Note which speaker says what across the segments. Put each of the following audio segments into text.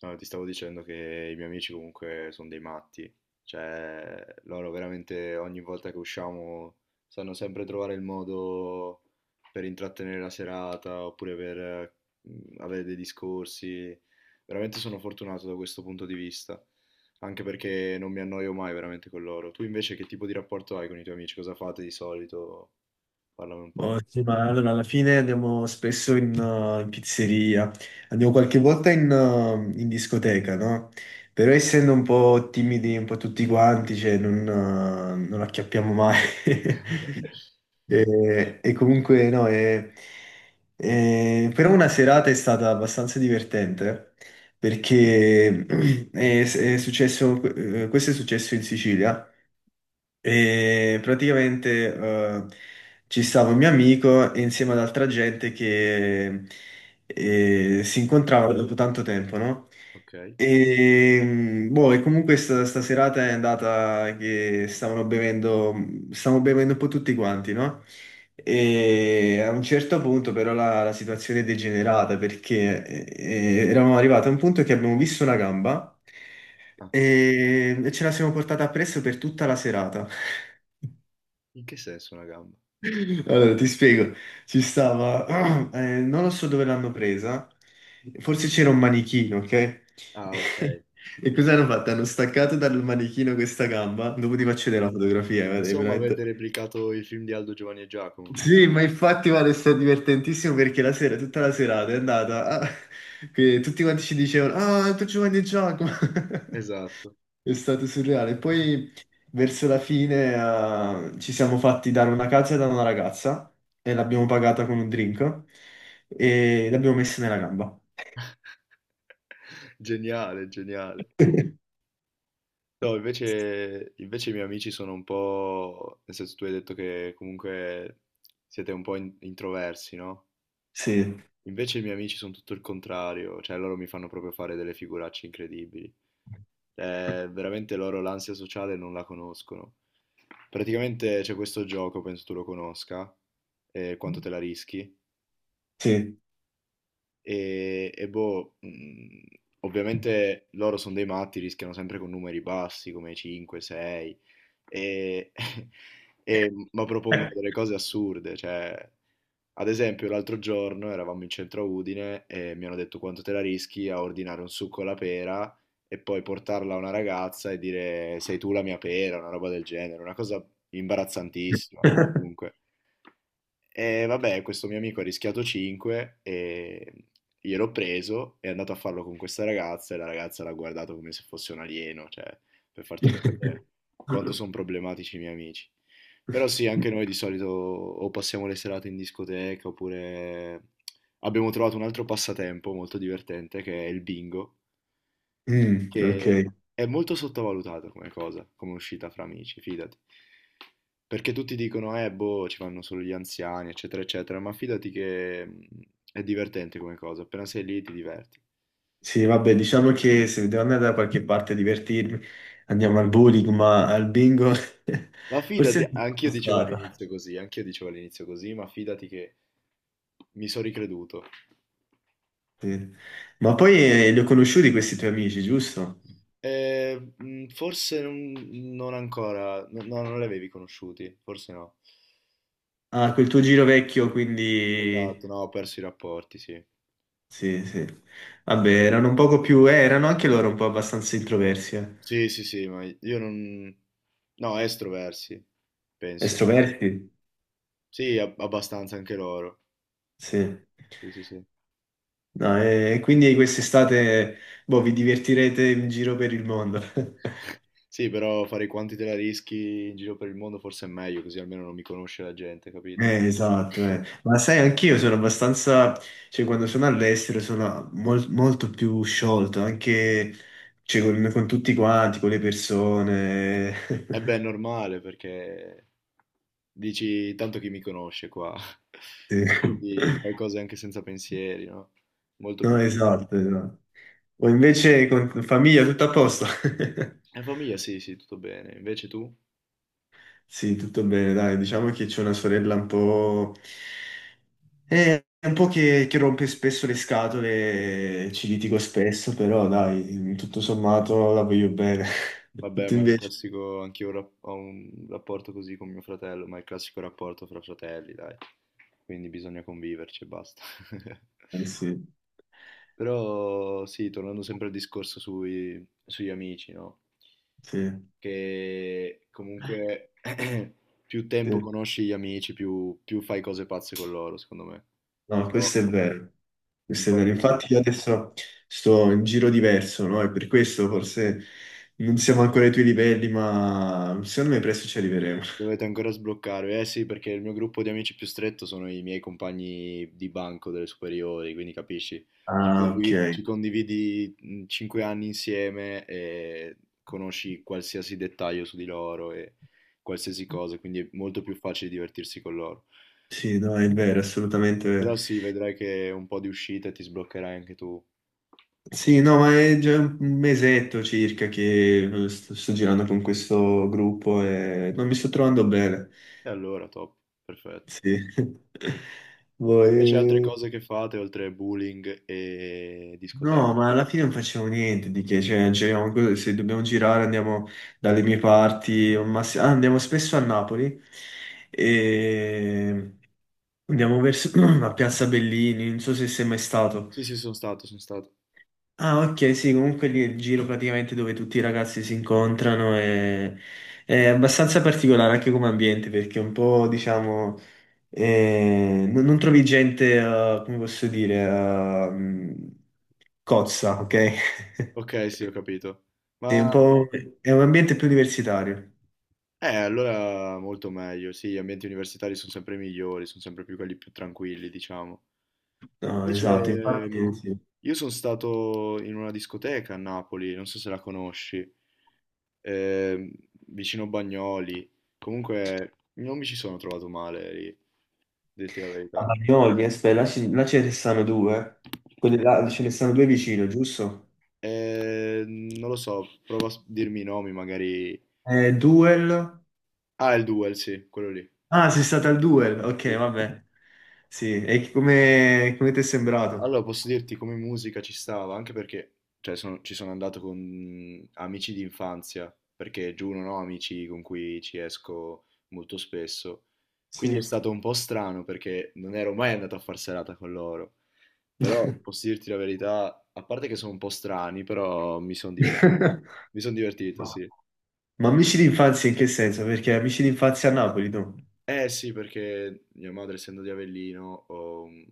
Speaker 1: No, ti stavo dicendo che i miei amici comunque sono dei matti, cioè loro veramente ogni volta che usciamo sanno sempre trovare il modo per intrattenere la serata oppure per avere dei discorsi. Veramente sono fortunato da questo punto di vista, anche perché non mi annoio mai veramente con loro. Tu invece che tipo di rapporto hai con i tuoi amici? Cosa fate di solito? Parlami un
Speaker 2: Oh,
Speaker 1: po'.
Speaker 2: sì, ma allora alla fine andiamo spesso in pizzeria, andiamo qualche volta in discoteca, no? Però essendo un po' timidi, un po' tutti quanti, cioè non acchiappiamo mai. E comunque no, però una serata è stata abbastanza divertente perché è successo, questo è successo in Sicilia. E praticamente ci stava un mio amico e insieme ad altra gente che si incontrava dopo tanto tempo, no?
Speaker 1: Ok.
Speaker 2: E comunque sta serata è andata che stavano bevendo un po' tutti quanti, no? E a un certo punto però la situazione è degenerata perché eravamo arrivati a un punto che abbiamo visto una gamba.
Speaker 1: Ah,
Speaker 2: E ce la siamo portata appresso per tutta la serata.
Speaker 1: in che senso una gamba?
Speaker 2: Allora, ti spiego, ci stava, non lo so dove l'hanno presa, forse c'era un manichino, ok?
Speaker 1: Ah, ok.
Speaker 2: E cosa hanno fatto? Hanno staccato dal manichino questa gamba, dopo ti faccio vedere la fotografia, guarda, è
Speaker 1: Insomma,
Speaker 2: veramente...
Speaker 1: avete replicato i film di Aldo, Giovanni e Giacomo.
Speaker 2: Sì, ma infatti guarda, è stato divertentissimo perché la sera, tutta la serata è andata, ah, che tutti quanti ci dicevano, ah, tu Giovanni e Giacomo.
Speaker 1: Esatto.
Speaker 2: È stato surreale. Poi verso la fine ci siamo fatti dare una cazza da una ragazza e l'abbiamo pagata con un drink e l'abbiamo messa nella gamba.
Speaker 1: Geniale, geniale. No, invece i miei amici sono un po'. Nel senso, tu hai detto che comunque siete un po' introversi, no?
Speaker 2: Sì,
Speaker 1: Invece i miei amici sono tutto il contrario, cioè loro mi fanno proprio fare delle figuracce incredibili. Veramente loro l'ansia sociale non la conoscono. Praticamente c'è questo gioco, penso tu lo conosca, quanto te la rischi.
Speaker 2: sì.
Speaker 1: E boh, ovviamente loro sono dei matti, rischiano sempre con numeri bassi come 5, 6, e, ma propongono delle cose assurde. Cioè, ad esempio, l'altro giorno eravamo in centro a Udine e mi hanno detto quanto te la rischi a ordinare un succo alla pera e poi portarla a una ragazza e dire sei tu la mia pera, una roba del genere, una cosa imbarazzantissima. Comunque. E vabbè, questo mio amico ha rischiato 5 e gliel'ho preso, è andato a farlo con questa ragazza e la ragazza l'ha guardato come se fosse un alieno, cioè, per farti capire quanto sono problematici i miei amici. Però sì, anche noi di solito o passiamo le serate in discoteca oppure abbiamo trovato un altro passatempo molto divertente che è il bingo,
Speaker 2: Mm, ok.
Speaker 1: che è molto sottovalutata come cosa, come uscita fra amici, fidati. Perché tutti dicono, boh, ci vanno solo gli anziani, eccetera, eccetera, ma fidati che è divertente come cosa, appena sei lì ti diverti.
Speaker 2: Sì, vabbè, diciamo che se devo andare da qualche parte a divertirmi, andiamo al bowling, ma al bingo
Speaker 1: Ma fidati,
Speaker 2: forse non
Speaker 1: anch'io
Speaker 2: sono
Speaker 1: dicevo
Speaker 2: stato.
Speaker 1: all'inizio così, anch'io dicevo all'inizio così, ma fidati che mi sono ricreduto.
Speaker 2: Sì. Ma poi li ho conosciuti questi tuoi amici, giusto?
Speaker 1: Forse non ancora, no, no, non li avevi conosciuti, forse no.
Speaker 2: Ah, quel tuo giro vecchio, quindi...
Speaker 1: Esatto, no, ho perso i rapporti, sì.
Speaker 2: Sì, sì. Vabbè, erano un poco più... erano anche loro un po' abbastanza introversi. Eh.
Speaker 1: Sì, sì, sì, ma io non. No, estroversi, penso.
Speaker 2: Estroversi?
Speaker 1: Sì, abbastanza anche loro.
Speaker 2: Sì.
Speaker 1: Sì, sì, sì.
Speaker 2: No, e quindi quest'estate, boh, vi divertirete in giro per il mondo.
Speaker 1: Sì, però fare i quanti te la rischi in giro per il mondo forse è meglio, così almeno non mi conosce la gente, capito?
Speaker 2: Esatto, eh. Ma sai, anch'io sono abbastanza, cioè quando sono all'estero sono molto più sciolto, anche cioè, con tutti quanti, con le persone.
Speaker 1: E beh, è normale perché dici tanto chi mi conosce qua.
Speaker 2: Sì.
Speaker 1: Quindi fai cose anche senza pensieri, no? Molto
Speaker 2: No,
Speaker 1: più bello.
Speaker 2: esatto, esatto. O invece con famiglia tutto a posto.
Speaker 1: E famiglia, sì, sì, tutto bene. Invece tu?
Speaker 2: Sì, tutto bene, dai, diciamo che c'è una sorella un po' che rompe spesso le scatole, ci litigo spesso, però dai, tutto sommato la voglio bene.
Speaker 1: Vabbè,
Speaker 2: Tutto
Speaker 1: ma è il
Speaker 2: invece.
Speaker 1: classico, anch'io ho un rapporto così con mio fratello, ma è il classico rapporto fra fratelli, dai. Quindi bisogna conviverci e basta.
Speaker 2: Eh sì,
Speaker 1: Però sì, tornando sempre al discorso sugli amici, no?
Speaker 2: sì,
Speaker 1: Che comunque più tempo
Speaker 2: sì.
Speaker 1: conosci gli amici, più, più fai cose pazze con loro, secondo me.
Speaker 2: No,
Speaker 1: Un
Speaker 2: questo è
Speaker 1: po',
Speaker 2: vero,
Speaker 1: un
Speaker 2: questo è
Speaker 1: po' è
Speaker 2: vero.
Speaker 1: così.
Speaker 2: Infatti io adesso sto in giro diverso, no? E per questo forse non siamo ancora ai tuoi livelli, ma secondo me presto ci arriveremo.
Speaker 1: Dovete ancora sbloccarvi, eh sì, perché il mio gruppo di amici più stretto sono i miei compagni di banco delle superiori, quindi capisci,
Speaker 2: Ah, ok.
Speaker 1: ci condividi 5 anni insieme e conosci qualsiasi dettaglio su di loro e qualsiasi cosa, quindi è molto più facile divertirsi con loro.
Speaker 2: Sì, no, è vero, assolutamente vero.
Speaker 1: Però sì, vedrai che un po' di uscita ti sbloccherai anche tu.
Speaker 2: Sì, no, ma è già un mesetto circa che sto girando con questo gruppo e non mi sto trovando bene.
Speaker 1: E allora, top, perfetto.
Speaker 2: Sì.
Speaker 1: Invece altre
Speaker 2: Voi...
Speaker 1: cose che fate oltre bullying e
Speaker 2: No,
Speaker 1: discoteche?
Speaker 2: ma alla fine non facevo niente di che, cioè, giriamo se dobbiamo girare andiamo dalle mie parti, o andiamo spesso a Napoli e andiamo verso a Piazza Bellini, non so se sei mai stato.
Speaker 1: Sì, sì, sono stato, sono stato.
Speaker 2: Ah, ok, sì, comunque lì è il giro praticamente dove tutti i ragazzi si incontrano e è abbastanza particolare anche come ambiente perché è un po', diciamo, non trovi gente, come posso dire, cozza, ok?
Speaker 1: Ok, sì, ho capito.
Speaker 2: È
Speaker 1: Ma
Speaker 2: un po', è un ambiente più universitario.
Speaker 1: allora molto meglio. Sì, gli ambienti universitari sono sempre migliori, sono sempre più quelli più tranquilli, diciamo.
Speaker 2: No, esatto,
Speaker 1: Invece
Speaker 2: infatti sì.
Speaker 1: io sono stato in una discoteca a Napoli, non so se la conosci, ehm, vicino Bagnoli. Comunque non mi ci sono trovato male lì, detti la
Speaker 2: A
Speaker 1: verità.
Speaker 2: Bagnoli, aspetta, là, là ce ne stanno due. Quelli là ce ne stanno due vicino, giusto?
Speaker 1: Non lo so, prova a dirmi i nomi, magari.
Speaker 2: Duel.
Speaker 1: Ah, il Duel, sì, quello lì.
Speaker 2: Ah, sei stata al Duel, ok,
Speaker 1: Sì.
Speaker 2: vabbè. Sì, e come, come ti è sembrato?
Speaker 1: Allora, posso dirti come musica ci stava, anche perché cioè, ci sono andato con amici di infanzia, perché giù non ho amici con cui ci esco molto spesso. Quindi è
Speaker 2: Sì.
Speaker 1: stato un po' strano perché non ero mai andato a far serata con loro. Però posso dirti la verità, a parte che sono un po' strani, però mi sono divertito. Mi sono divertito,
Speaker 2: Ma
Speaker 1: sì.
Speaker 2: ma amici d'infanzia in che senso? Perché amici d'infanzia a Napoli, tu?
Speaker 1: Eh sì, perché mia madre, essendo di Avellino,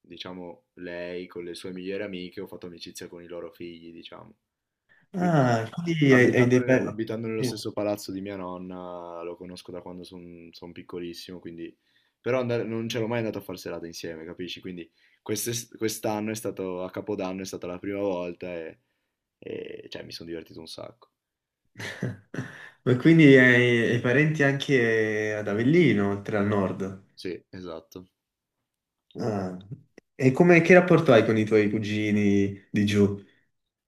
Speaker 1: diciamo, lei con le sue migliori amiche, ho fatto amicizia con i loro figli, diciamo. Quindi
Speaker 2: Ah, quindi hai, hai dei... pe-
Speaker 1: abitando nello
Speaker 2: Sì.
Speaker 1: stesso palazzo di mia nonna, lo conosco da quando sono piccolissimo, quindi. Però non c'ero mai andato a far serata insieme, capisci? Quindi quest'anno è stato, a Capodanno è stata la prima volta e, cioè, mi sono divertito un sacco.
Speaker 2: Ma quindi hai, hai parenti anche ad Avellino, oltre al nord.
Speaker 1: Sì, esatto.
Speaker 2: Ah. E come, che rapporto hai con i tuoi cugini di giù?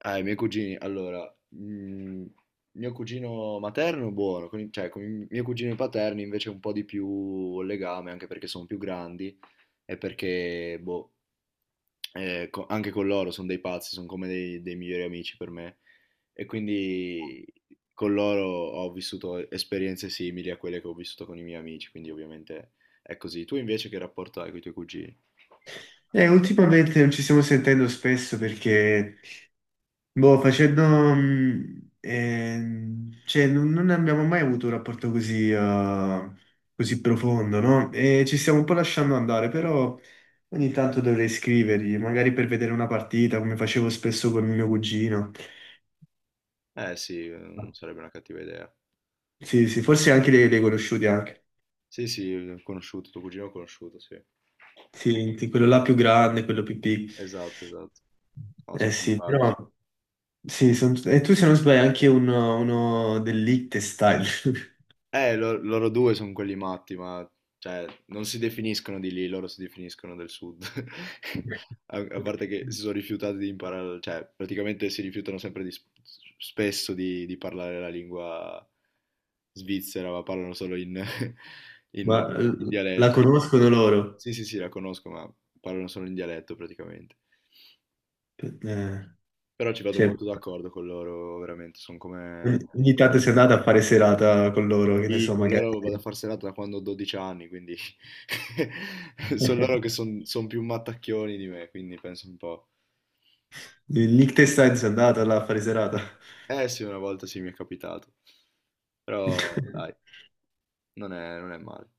Speaker 1: Ah, i miei cugini, allora, mm, mio cugino materno buono, cioè con i miei cugini paterni invece un po' di più legame, anche perché sono più grandi e perché, boh, anche con loro sono dei pazzi, sono come dei migliori amici per me. E quindi con loro ho vissuto esperienze simili a quelle che ho vissuto con i miei amici, quindi ovviamente è così. Tu invece che rapporto hai con i tuoi cugini?
Speaker 2: Ultimamente non ci stiamo sentendo spesso perché, boh, facendo... cioè, non abbiamo mai avuto un rapporto così, così profondo, no? E ci stiamo un po' lasciando andare, però ogni tanto dovrei scrivergli, magari per vedere una partita, come facevo spesso con mio cugino.
Speaker 1: Eh sì, non sarebbe una cattiva idea.
Speaker 2: Sì, sì, forse anche li, li hai conosciuti anche.
Speaker 1: Sì, sì, ho conosciuto, tuo cugino ho conosciuto, sì.
Speaker 2: Sì, sì, quello là più grande, quello più piccolo.
Speaker 1: Esatto, esatto. No,
Speaker 2: Eh
Speaker 1: sono
Speaker 2: sì, però
Speaker 1: simpatici.
Speaker 2: sì, e tu se non sbaglio è anche uno, uno del Liechtenstein.
Speaker 1: Loro due sono quelli matti, ma cioè, non si definiscono di lì, loro si definiscono del sud. A, a parte che si sono rifiutati di imparare, cioè, praticamente si rifiutano sempre di, spesso di, parlare la lingua svizzera, ma parlano solo in, in-
Speaker 2: Ma
Speaker 1: in
Speaker 2: la
Speaker 1: dialetto.
Speaker 2: conoscono loro.
Speaker 1: Sì, sì, sì, la conosco, ma parlano solo in dialetto praticamente.
Speaker 2: Eh,
Speaker 1: Però ci vado
Speaker 2: cioè,
Speaker 1: molto d'accordo con loro, veramente, sono come.
Speaker 2: ogni tanto
Speaker 1: come-
Speaker 2: sei andata a fare serata con loro, che ne
Speaker 1: Sì,
Speaker 2: so,
Speaker 1: con
Speaker 2: magari.
Speaker 1: loro vado a far serata da quando ho 12 anni, quindi sono loro che sono più mattacchioni di me, quindi penso un po'.
Speaker 2: Il Liechtenstein sei andata là a fare serata.
Speaker 1: Eh sì, una volta sì mi è capitato, però dai, non è male.